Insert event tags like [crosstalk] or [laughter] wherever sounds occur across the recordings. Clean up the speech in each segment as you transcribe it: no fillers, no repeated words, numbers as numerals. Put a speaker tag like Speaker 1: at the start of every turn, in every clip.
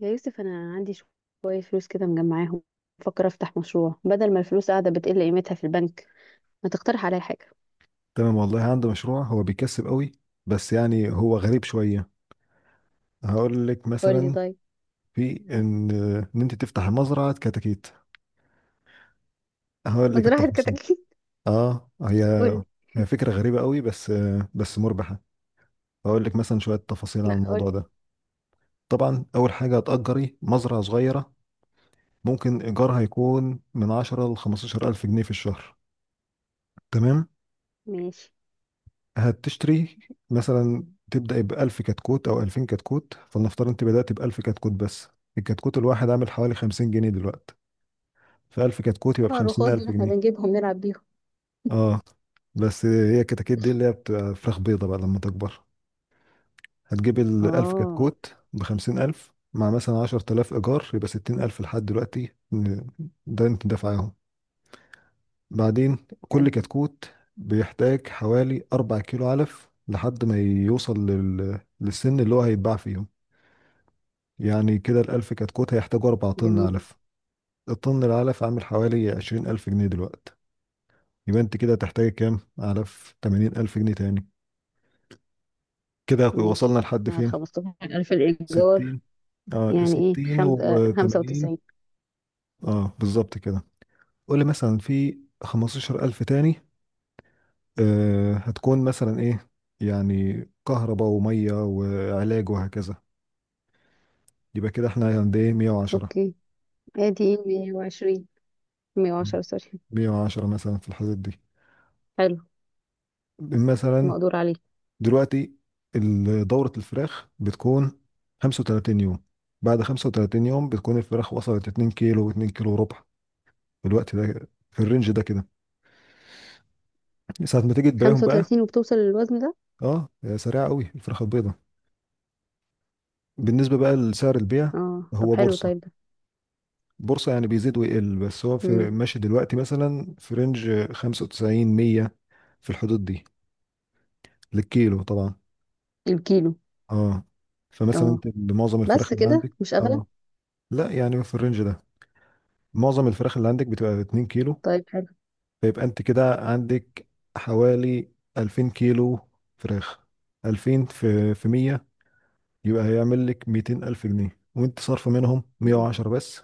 Speaker 1: يا يوسف، انا عندي شويه فلوس كده مجمعاهم. بفكر افتح مشروع بدل ما الفلوس قاعده بتقل قيمتها في البنك. ما تقترح عليا حاجه؟
Speaker 2: تمام والله عنده مشروع هو بيكسب قوي. بس يعني هو غريب شوية، هقول لك
Speaker 1: قول لي
Speaker 2: مثلا.
Speaker 1: طيب.
Speaker 2: في ان انت تفتح مزرعة كتاكيت. هقول لك
Speaker 1: مزرعة
Speaker 2: التفاصيل.
Speaker 1: كتاكيت [laughs]
Speaker 2: اه، هي
Speaker 1: قولي.
Speaker 2: هي فكرة غريبة قوي بس. بس مربحة. هقول لك مثلا شوية تفاصيل عن
Speaker 1: لا، قول
Speaker 2: الموضوع
Speaker 1: لي.
Speaker 2: ده. طبعا اول حاجة هتأجري مزرعة صغيرة، ممكن ايجارها يكون من 10 ل 15 الف جنيه في الشهر. تمام.
Speaker 1: ماشي.
Speaker 2: هتشتري مثلا، تبدأ بألف كتكوت أو ألفين كتكوت. فلنفترض أنت بدأت بألف كتكوت بس. الكتكوت الواحد عامل حوالي 50 جنيه دلوقتي، فألف كتكوت يبقى
Speaker 1: اه،
Speaker 2: بخمسين
Speaker 1: الرخاص دول
Speaker 2: ألف
Speaker 1: احنا
Speaker 2: جنيه
Speaker 1: بنجيبهم نلعب بيهم.
Speaker 2: اه. بس هي الكتاكيت دي اللي هي بتبقى فراخ بيضة بقى لما تكبر. هتجيب الألف
Speaker 1: اه.
Speaker 2: كتكوت بخمسين ألف مع مثلا 10 تلاف إيجار، يبقى 60 ألف لحد دلوقتي. ده أنت دافعاهم. بعدين كل
Speaker 1: حلو.
Speaker 2: كتكوت بيحتاج حوالي 4 كيلو علف لحد ما يوصل للسن اللي هو هيتباع فيه. يعني كده الألف كتكوت هيحتاجوا 4 طن
Speaker 1: جميل.
Speaker 2: علف. الطن العلف عامل حوالي 20 ألف جنيه دلوقتي. يبقى أنت كده هتحتاجي كام علف؟ 80 ألف جنيه تاني. كده
Speaker 1: ماشي
Speaker 2: وصلنا لحد
Speaker 1: مع ال
Speaker 2: فين؟
Speaker 1: 15,000 الايجار.
Speaker 2: ستين. اه،
Speaker 1: يعني ايه
Speaker 2: ستين
Speaker 1: خمس
Speaker 2: وتمانين.
Speaker 1: 95.
Speaker 2: اه بالظبط كده. قولي مثلا في 15 ألف تاني. آه، هتكون مثلا إيه؟ يعني كهرباء ومية وعلاج وهكذا. يبقى كده احنا عند ايه؟ 110.
Speaker 1: اوكي، ادي ايه، 120، 110، سوري.
Speaker 2: 110 مثلا، في الحدود دي.
Speaker 1: حلو،
Speaker 2: مثلا.
Speaker 1: مقدور عليه.
Speaker 2: دلوقتي دورة الفراخ بتكون 35 يوم. بعد 35 يوم بتكون الفراخ وصلت 2 كيلو و2 كيلو وربع في الوقت ده، في الرينج ده كده، ساعة ما تيجي تبيعهم بقى.
Speaker 1: 35 وبتوصل للوزن ده؟
Speaker 2: اه سريعة قوي الفراخ البيضة. بالنسبة بقى لسعر البيع،
Speaker 1: اه طب
Speaker 2: هو
Speaker 1: حلو، طيب
Speaker 2: بورصة.
Speaker 1: ده.
Speaker 2: بورصة، يعني بيزيد ويقل، بس هو في
Speaker 1: امم.
Speaker 2: ماشي دلوقتي مثلا في رينج 95 100، في الحدود دي، للكيلو طبعا.
Speaker 1: الكيلو.
Speaker 2: اه. فمثلا
Speaker 1: اه،
Speaker 2: انت معظم
Speaker 1: بس
Speaker 2: الفراخ اللي
Speaker 1: كده
Speaker 2: عندك،
Speaker 1: مش اغلى؟
Speaker 2: اه، لا يعني في الرينج ده، معظم الفراخ اللي عندك بتبقى 2 كيلو.
Speaker 1: طيب حلو.
Speaker 2: فيبقى انت كده عندك حوالي 2000 كيلو فراخ. 2000 في 100، يبقى هيعمل لك 200 ألف جنيه، وانت صارفة منهم
Speaker 1: م-
Speaker 2: 110 بس.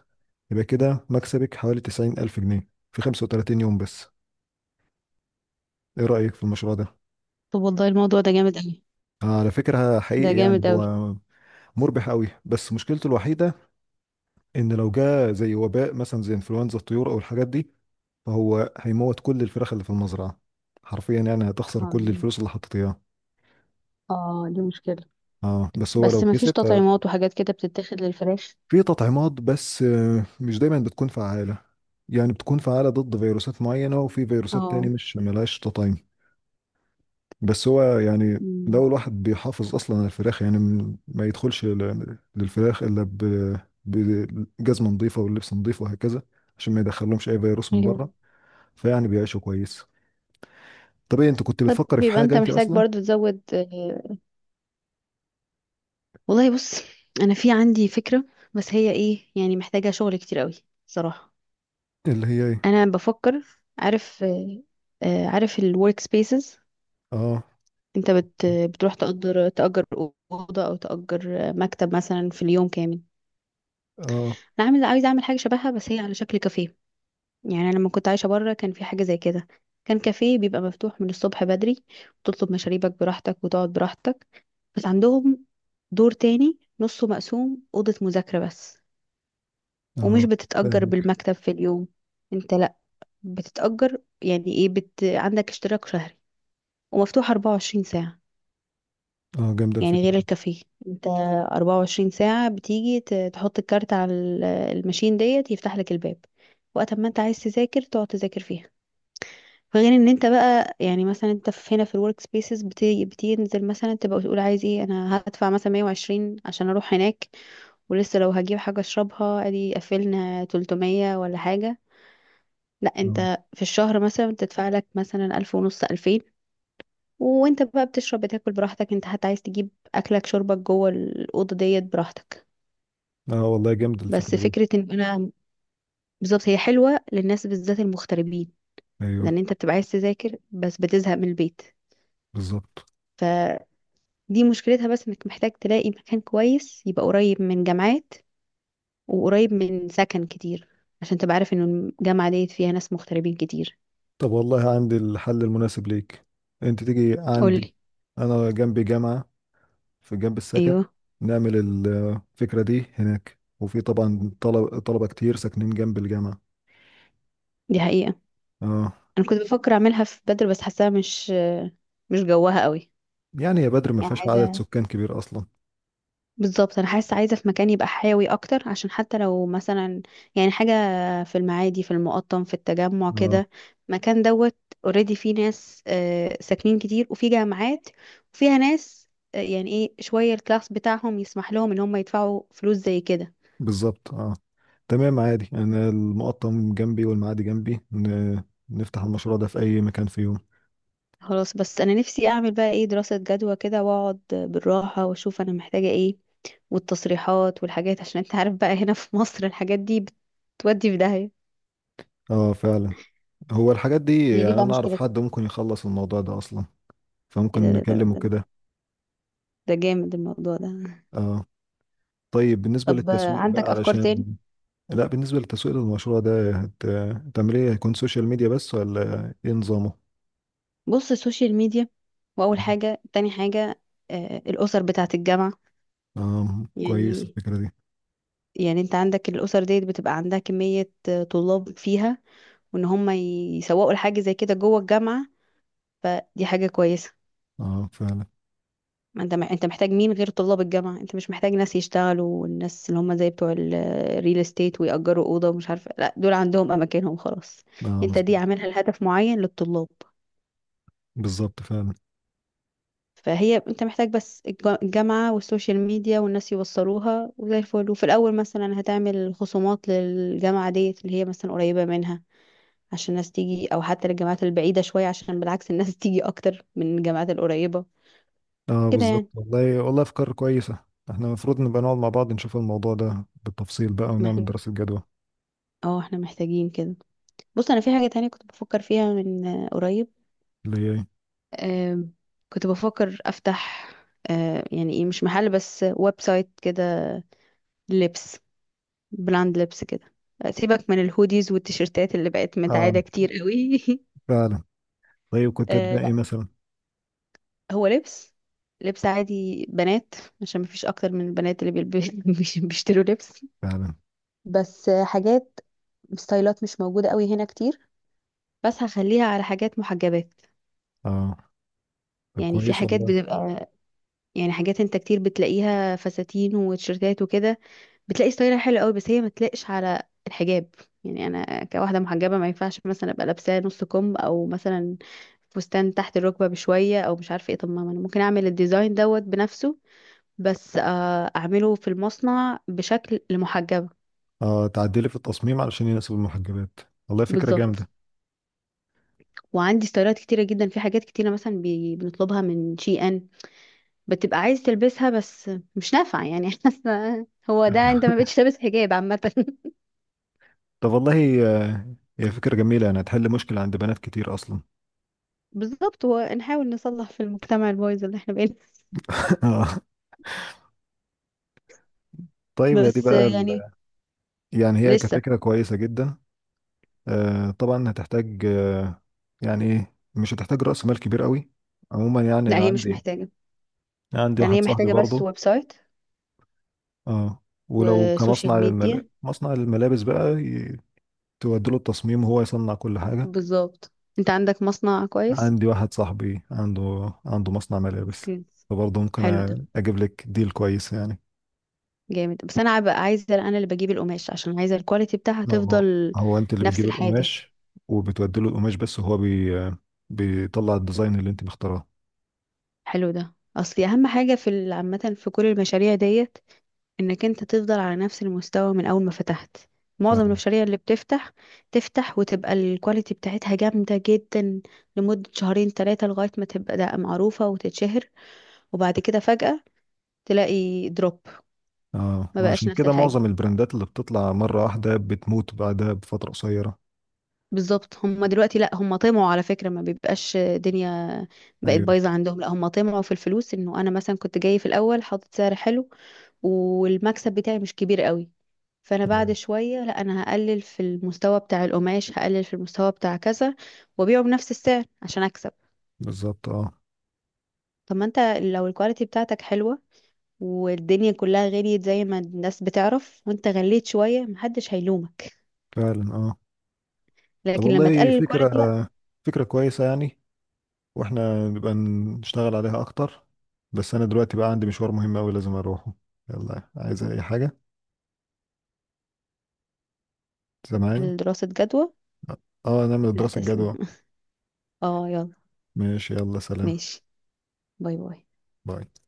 Speaker 2: يبقى كده مكسبك حوالي 90 ألف جنيه في 35 يوم بس. ايه رأيك في المشروع ده؟
Speaker 1: طب والله الموضوع ده جامد قوي.
Speaker 2: على فكرة
Speaker 1: ده
Speaker 2: حقيقي
Speaker 1: جامد
Speaker 2: يعني
Speaker 1: قوي.
Speaker 2: هو مربح قوي، بس مشكلته الوحيدة ان لو جه زي وباء مثلا، زي انفلونزا الطيور او الحاجات دي، فهو هيموت كل الفراخ اللي في المزرعة. حرفيا يعني هتخسر كل
Speaker 1: م.
Speaker 2: الفلوس اللي حطيت اياها.
Speaker 1: اه دي مشكلة.
Speaker 2: اه، بس هو
Speaker 1: بس
Speaker 2: لو
Speaker 1: ما فيش
Speaker 2: كسب ففي.
Speaker 1: تطعيمات وحاجات كده بتتاخد للفراخ؟
Speaker 2: تطعيمات، بس مش دايما بتكون فعالة. يعني بتكون فعالة ضد فيروسات معينة، وفي فيروسات تاني
Speaker 1: اه.
Speaker 2: مش ملهاش تطعيم. بس هو يعني
Speaker 1: م.
Speaker 2: لو الواحد بيحافظ أصلا على الفراخ، يعني ما يدخلش للفراخ إلا بجزمة نظيفة واللبس نظيف وهكذا، عشان ما يدخلهمش أي فيروس من
Speaker 1: ايوه.
Speaker 2: بره. فيعني بيعيشوا كويس. طب إيه؟ أنت كنت
Speaker 1: طب
Speaker 2: بتفكري في
Speaker 1: يبقى
Speaker 2: حاجة
Speaker 1: انت
Speaker 2: أنت
Speaker 1: محتاج
Speaker 2: أصلا؟
Speaker 1: برضو تزود. والله بص، انا في عندي فكرة، بس هي ايه يعني محتاجة شغل كتير قوي صراحة.
Speaker 2: اللي هي إيه؟
Speaker 1: انا بفكر. عارف. عارف الورك سبيسز؟
Speaker 2: آه.
Speaker 1: انت بتروح تأجر أوضة أو تأجر مكتب مثلا في اليوم كامل.
Speaker 2: اه،
Speaker 1: انا عامله عايزه اعمل حاجه شبهها بس هي على شكل كافيه. يعني انا لما كنت عايشه بره كان في حاجه زي كده. كان كافيه بيبقى مفتوح من الصبح بدري، وتطلب مشاريبك براحتك وتقعد براحتك. بس عندهم دور تاني نصه مقسوم اوضه مذاكره بس، ومش
Speaker 2: اه،
Speaker 1: بتتأجر
Speaker 2: فاهمك.
Speaker 1: بالمكتب في اليوم. انت لا، بتتأجر يعني ايه، عندك اشتراك شهري ومفتوح 24 ساعه.
Speaker 2: اه، جامدة
Speaker 1: يعني
Speaker 2: الفكرة
Speaker 1: غير
Speaker 2: دي.
Speaker 1: الكافيه، انت 24 ساعة بتيجي تحط الكارت على الماشين ديت يفتح لك الباب. وقت ما انت عايز تذاكر تقعد تذاكر فيها. فغير ان انت بقى، يعني مثلا انت في هنا في الورك سبيسز بتنزل مثلا تبقى تقول عايز ايه، انا هدفع مثلا 120 عشان اروح هناك. ولسه لو هجيب حاجة اشربها ادي قفلنا 300 ولا حاجة. لا،
Speaker 2: اه،
Speaker 1: انت في الشهر مثلا بتدفع لك مثلا 1,500، 2,000. وانت بقى بتشرب بتاكل براحتك، انت حتى عايز تجيب اكلك شربك جوه الاوضه ديت براحتك.
Speaker 2: اه، والله جامدة
Speaker 1: بس
Speaker 2: الفكرة دي.
Speaker 1: فكره ان انا بالظبط هي حلوه للناس بالذات المغتربين،
Speaker 2: ايوه.
Speaker 1: لان انت بتبقى عايز تذاكر بس بتزهق من البيت.
Speaker 2: بالظبط.
Speaker 1: فدي مشكلتها بس انك محتاج تلاقي مكان كويس يبقى قريب من جامعات وقريب من سكن كتير، عشان تبقى عارف انه الجامعه ديت فيها ناس مغتربين كتير.
Speaker 2: طب والله عندي الحل المناسب ليك. انت تيجي عندي.
Speaker 1: قولي.
Speaker 2: انا جنبي جامعة، في جنب السكن.
Speaker 1: ايوه،
Speaker 2: نعمل الفكرة دي هناك، وفي طبعا طلبة طلبة كتير ساكنين جنب الجامعة.
Speaker 1: دي حقيقه.
Speaker 2: اه.
Speaker 1: انا كنت بفكر اعملها في بدر بس حاساها مش جواها قوي.
Speaker 2: يعني يا بدر، ما
Speaker 1: يعني
Speaker 2: فيهاش عدد
Speaker 1: عايزه
Speaker 2: سكان كبير اصلا.
Speaker 1: بالظبط، انا حاسه عايزه في مكان يبقى حيوي اكتر، عشان حتى لو مثلا يعني حاجه، في المعادي في المقطم في التجمع
Speaker 2: اه،
Speaker 1: كده. مكان دوت اوريدي فيه ناس ساكنين كتير وفي جامعات، وفيها ناس يعني ايه شويه الكلاس بتاعهم يسمح لهم ان هم يدفعوا فلوس زي كده.
Speaker 2: بالظبط اه. تمام عادي، انا المقطم جنبي والمعادي جنبي. نفتح المشروع ده في اي مكان في يوم.
Speaker 1: خلاص، بس انا نفسي اعمل بقى ايه دراسه جدوى كده واقعد بالراحه واشوف انا محتاجه ايه، والتصريحات والحاجات، عشان انت عارف بقى هنا في مصر الحاجات دي بتودي في داهيه.
Speaker 2: اه فعلا. هو الحاجات
Speaker 1: ما
Speaker 2: دي،
Speaker 1: هي دي
Speaker 2: يعني
Speaker 1: بقى
Speaker 2: انا اعرف
Speaker 1: مشكلتها.
Speaker 2: حد ممكن يخلص الموضوع ده اصلا،
Speaker 1: ايه
Speaker 2: فممكن
Speaker 1: ده ده
Speaker 2: نكلمه
Speaker 1: ده
Speaker 2: كده.
Speaker 1: ده جامد الموضوع ده.
Speaker 2: اه. طيب بالنسبة
Speaker 1: طب
Speaker 2: للتسويق بقى،
Speaker 1: عندك افكار تاني؟
Speaker 2: علشان. لا، بالنسبة للتسويق للمشروع ده، هتعمل ايه؟ هيكون سوشيال ميديا بس ولا ايه نظامه؟
Speaker 1: بص، السوشيال ميديا، واول حاجه تاني حاجه، الاسر بتاعه الجامعه.
Speaker 2: اه، كويس
Speaker 1: يعني،
Speaker 2: الفكرة دي.
Speaker 1: يعني انت عندك الاسر ديت بتبقى عندها كميه طلاب فيها، وان هم يسوقوا لحاجه زي كده جوه الجامعه، فدي حاجه كويسه.
Speaker 2: اه فعلا.
Speaker 1: ما انت انت محتاج مين غير طلاب الجامعه، انت مش محتاج ناس يشتغلوا، والناس اللي هم زي بتوع الريل استيت ويأجروا اوضه ومش عارفه، لا دول عندهم اماكنهم خلاص.
Speaker 2: اه
Speaker 1: انت دي
Speaker 2: مظبوط.
Speaker 1: عاملها لهدف معين للطلاب.
Speaker 2: بالظبط فعلا.
Speaker 1: فهي انت محتاج بس الجامعة والسوشيال ميديا، والناس يوصلوها وزي الفل. وفي الأول مثلا هتعمل خصومات للجامعة ديت اللي هي مثلا قريبة منها عشان الناس تيجي، أو حتى للجامعات البعيدة شوية عشان بالعكس الناس [laughs] تيجي أكتر من الجامعات القريبة،
Speaker 2: اه
Speaker 1: كده
Speaker 2: بالظبط.
Speaker 1: يعني.
Speaker 2: والله والله افكار كويسة. احنا المفروض نبقى نقعد مع بعض، نشوف الموضوع ده بالتفصيل بقى،
Speaker 1: ما
Speaker 2: ونعمل
Speaker 1: احنا،
Speaker 2: دراسة جدوى.
Speaker 1: اه احنا محتاجين كده. بص، أنا في حاجة تانية كنت بفكر فيها من قريب.
Speaker 2: اللي هي إيه؟
Speaker 1: آم، كنت بفكر أفتح يعني ايه مش محل بس، ويب سايت كده، لبس، براند لبس كده. سيبك من الهوديز والتيشيرتات اللي بقت
Speaker 2: اه
Speaker 1: متعادة كتير قوي [laughs]
Speaker 2: فعلا. طيب كنت
Speaker 1: آه
Speaker 2: هتبقى ايه
Speaker 1: لا،
Speaker 2: مثلا؟
Speaker 1: هو لبس، لبس عادي بنات، عشان مفيش اكتر من البنات اللي [laughs] بيشتروا لبس.
Speaker 2: فعلا.
Speaker 1: بس حاجات، ستايلات مش موجودة قوي هنا كتير، بس هخليها على حاجات محجبات.
Speaker 2: اه، طب
Speaker 1: يعني في
Speaker 2: كويس
Speaker 1: حاجات
Speaker 2: والله.
Speaker 1: بتبقى، يعني حاجات انت كتير بتلاقيها فساتين وتيشيرتات وكده، بتلاقي ستايلها حلو قوي بس هي ما تلاقش على الحجاب. يعني انا كواحده محجبه ما ينفعش مثلا ابقى لابسه نص كم، او مثلا فستان تحت الركبه بشويه، او مش عارفه ايه. طب ما انا ممكن اعمل الديزاين دوت بنفسه، بس اعمله في المصنع بشكل لمحجبه.
Speaker 2: اه، تعدلي في التصميم علشان يناسب المحجبات. والله فكرة
Speaker 1: بالظبط.
Speaker 2: جامدة.
Speaker 1: وعندي ستايلات كتيره جدا في حاجات كتيره، مثلا بنطلبها من شي ان، بتبقى عايز تلبسها بس مش نافعه يعني [laughs] حاسه هو ده انت ما بقتش لابس حجاب عامه [laughs]
Speaker 2: طب والله هي فكرة جميلة، يعني هتحل مشكلة عند بنات كتير أصلا.
Speaker 1: بالظبط. ونحاول نصلح في المجتمع البايظ اللي احنا بقينا.
Speaker 2: [laughs] آه. طيب هي دي
Speaker 1: بس
Speaker 2: بقى
Speaker 1: يعني
Speaker 2: ال... يعني هي
Speaker 1: لسه.
Speaker 2: كفكرة كويسة جدا. آه طبعا هتحتاج. آه، يعني ايه، مش هتحتاج رأس مال كبير قوي عموما. يعني
Speaker 1: لا
Speaker 2: أنا
Speaker 1: هي مش
Speaker 2: عندي
Speaker 1: محتاجة.
Speaker 2: عندي
Speaker 1: يعني هي
Speaker 2: واحد صاحبي
Speaker 1: محتاجة بس
Speaker 2: برضه.
Speaker 1: ويب سايت
Speaker 2: اه، ولو
Speaker 1: وسوشيال
Speaker 2: كمصنع
Speaker 1: ميديا.
Speaker 2: مصنع للملابس بقى، تودي له التصميم وهو يصنع كل حاجة.
Speaker 1: بالظبط. انت عندك مصنع كويس.
Speaker 2: عندي واحد صاحبي عنده مصنع ملابس.
Speaker 1: اوكي.
Speaker 2: فبرضه ممكن
Speaker 1: حلو ده،
Speaker 2: اجيب لك ديل كويس يعني.
Speaker 1: جامد. بس انا بقى عايزة انا اللي بجيب القماش عشان عايزة الكواليتي بتاعها
Speaker 2: لا، هو،
Speaker 1: تفضل
Speaker 2: هو انت اللي
Speaker 1: نفس
Speaker 2: بتجيب
Speaker 1: الحاجة.
Speaker 2: القماش، وبتودي له القماش، بس هو بيطلع الديزاين اللي انت مختاراه.
Speaker 1: حلو ده اصلي. اهم حاجة في عامة في كل المشاريع ديت انك انت تفضل على نفس المستوى من اول ما فتحت.
Speaker 2: ف
Speaker 1: معظم المشاريع اللي بتفتح، تفتح وتبقى الكواليتي بتاعتها جامدة جدا لمدة شهرين ثلاثة، لغاية ما تبقى ده معروفة وتتشهر، وبعد كده فجأة تلاقي دروب،
Speaker 2: اه،
Speaker 1: ما
Speaker 2: ما
Speaker 1: بقاش
Speaker 2: عشان
Speaker 1: نفس
Speaker 2: كده
Speaker 1: الحاجة.
Speaker 2: معظم البراندات اللي بتطلع مرة واحدة بتموت بعدها بفترة قصيرة.
Speaker 1: بالظبط، هم دلوقتي لا هم طمعوا، على فكرة ما بيبقاش دنيا بقت
Speaker 2: ايوه.
Speaker 1: بايظة عندهم، لا هم طمعوا في الفلوس. انه انا مثلا كنت جاي في الاول حاطط سعر حلو والمكسب بتاعي مش كبير قوي، فانا بعد
Speaker 2: ايوه
Speaker 1: شويه لا انا هقلل في المستوى بتاع القماش، هقلل في المستوى بتاع كذا، وابيعه بنفس السعر عشان اكسب.
Speaker 2: بالظبط. اه
Speaker 1: طب ما انت لو الكواليتي بتاعتك حلوه، والدنيا كلها غليت زي ما الناس بتعرف، وانت غليت شويه محدش هيلومك،
Speaker 2: فعلا. اه. طب
Speaker 1: لكن لما
Speaker 2: والله
Speaker 1: تقلل
Speaker 2: فكرة
Speaker 1: الكواليتي لا.
Speaker 2: فكرة كويسة يعني. واحنا نبقى نشتغل عليها اكتر. بس انا دلوقتي بقى عندي مشوار مهم اوي لازم اروحه. يلا، عايز اي حاجة؟ سامعني؟
Speaker 1: دراسه جدوى.
Speaker 2: اه، نعمل
Speaker 1: لا
Speaker 2: دراسة
Speaker 1: تسلم.
Speaker 2: جدوى.
Speaker 1: اه يلا.
Speaker 2: ماشي، يلا سلام.
Speaker 1: ماشي. باي باي.
Speaker 2: باي.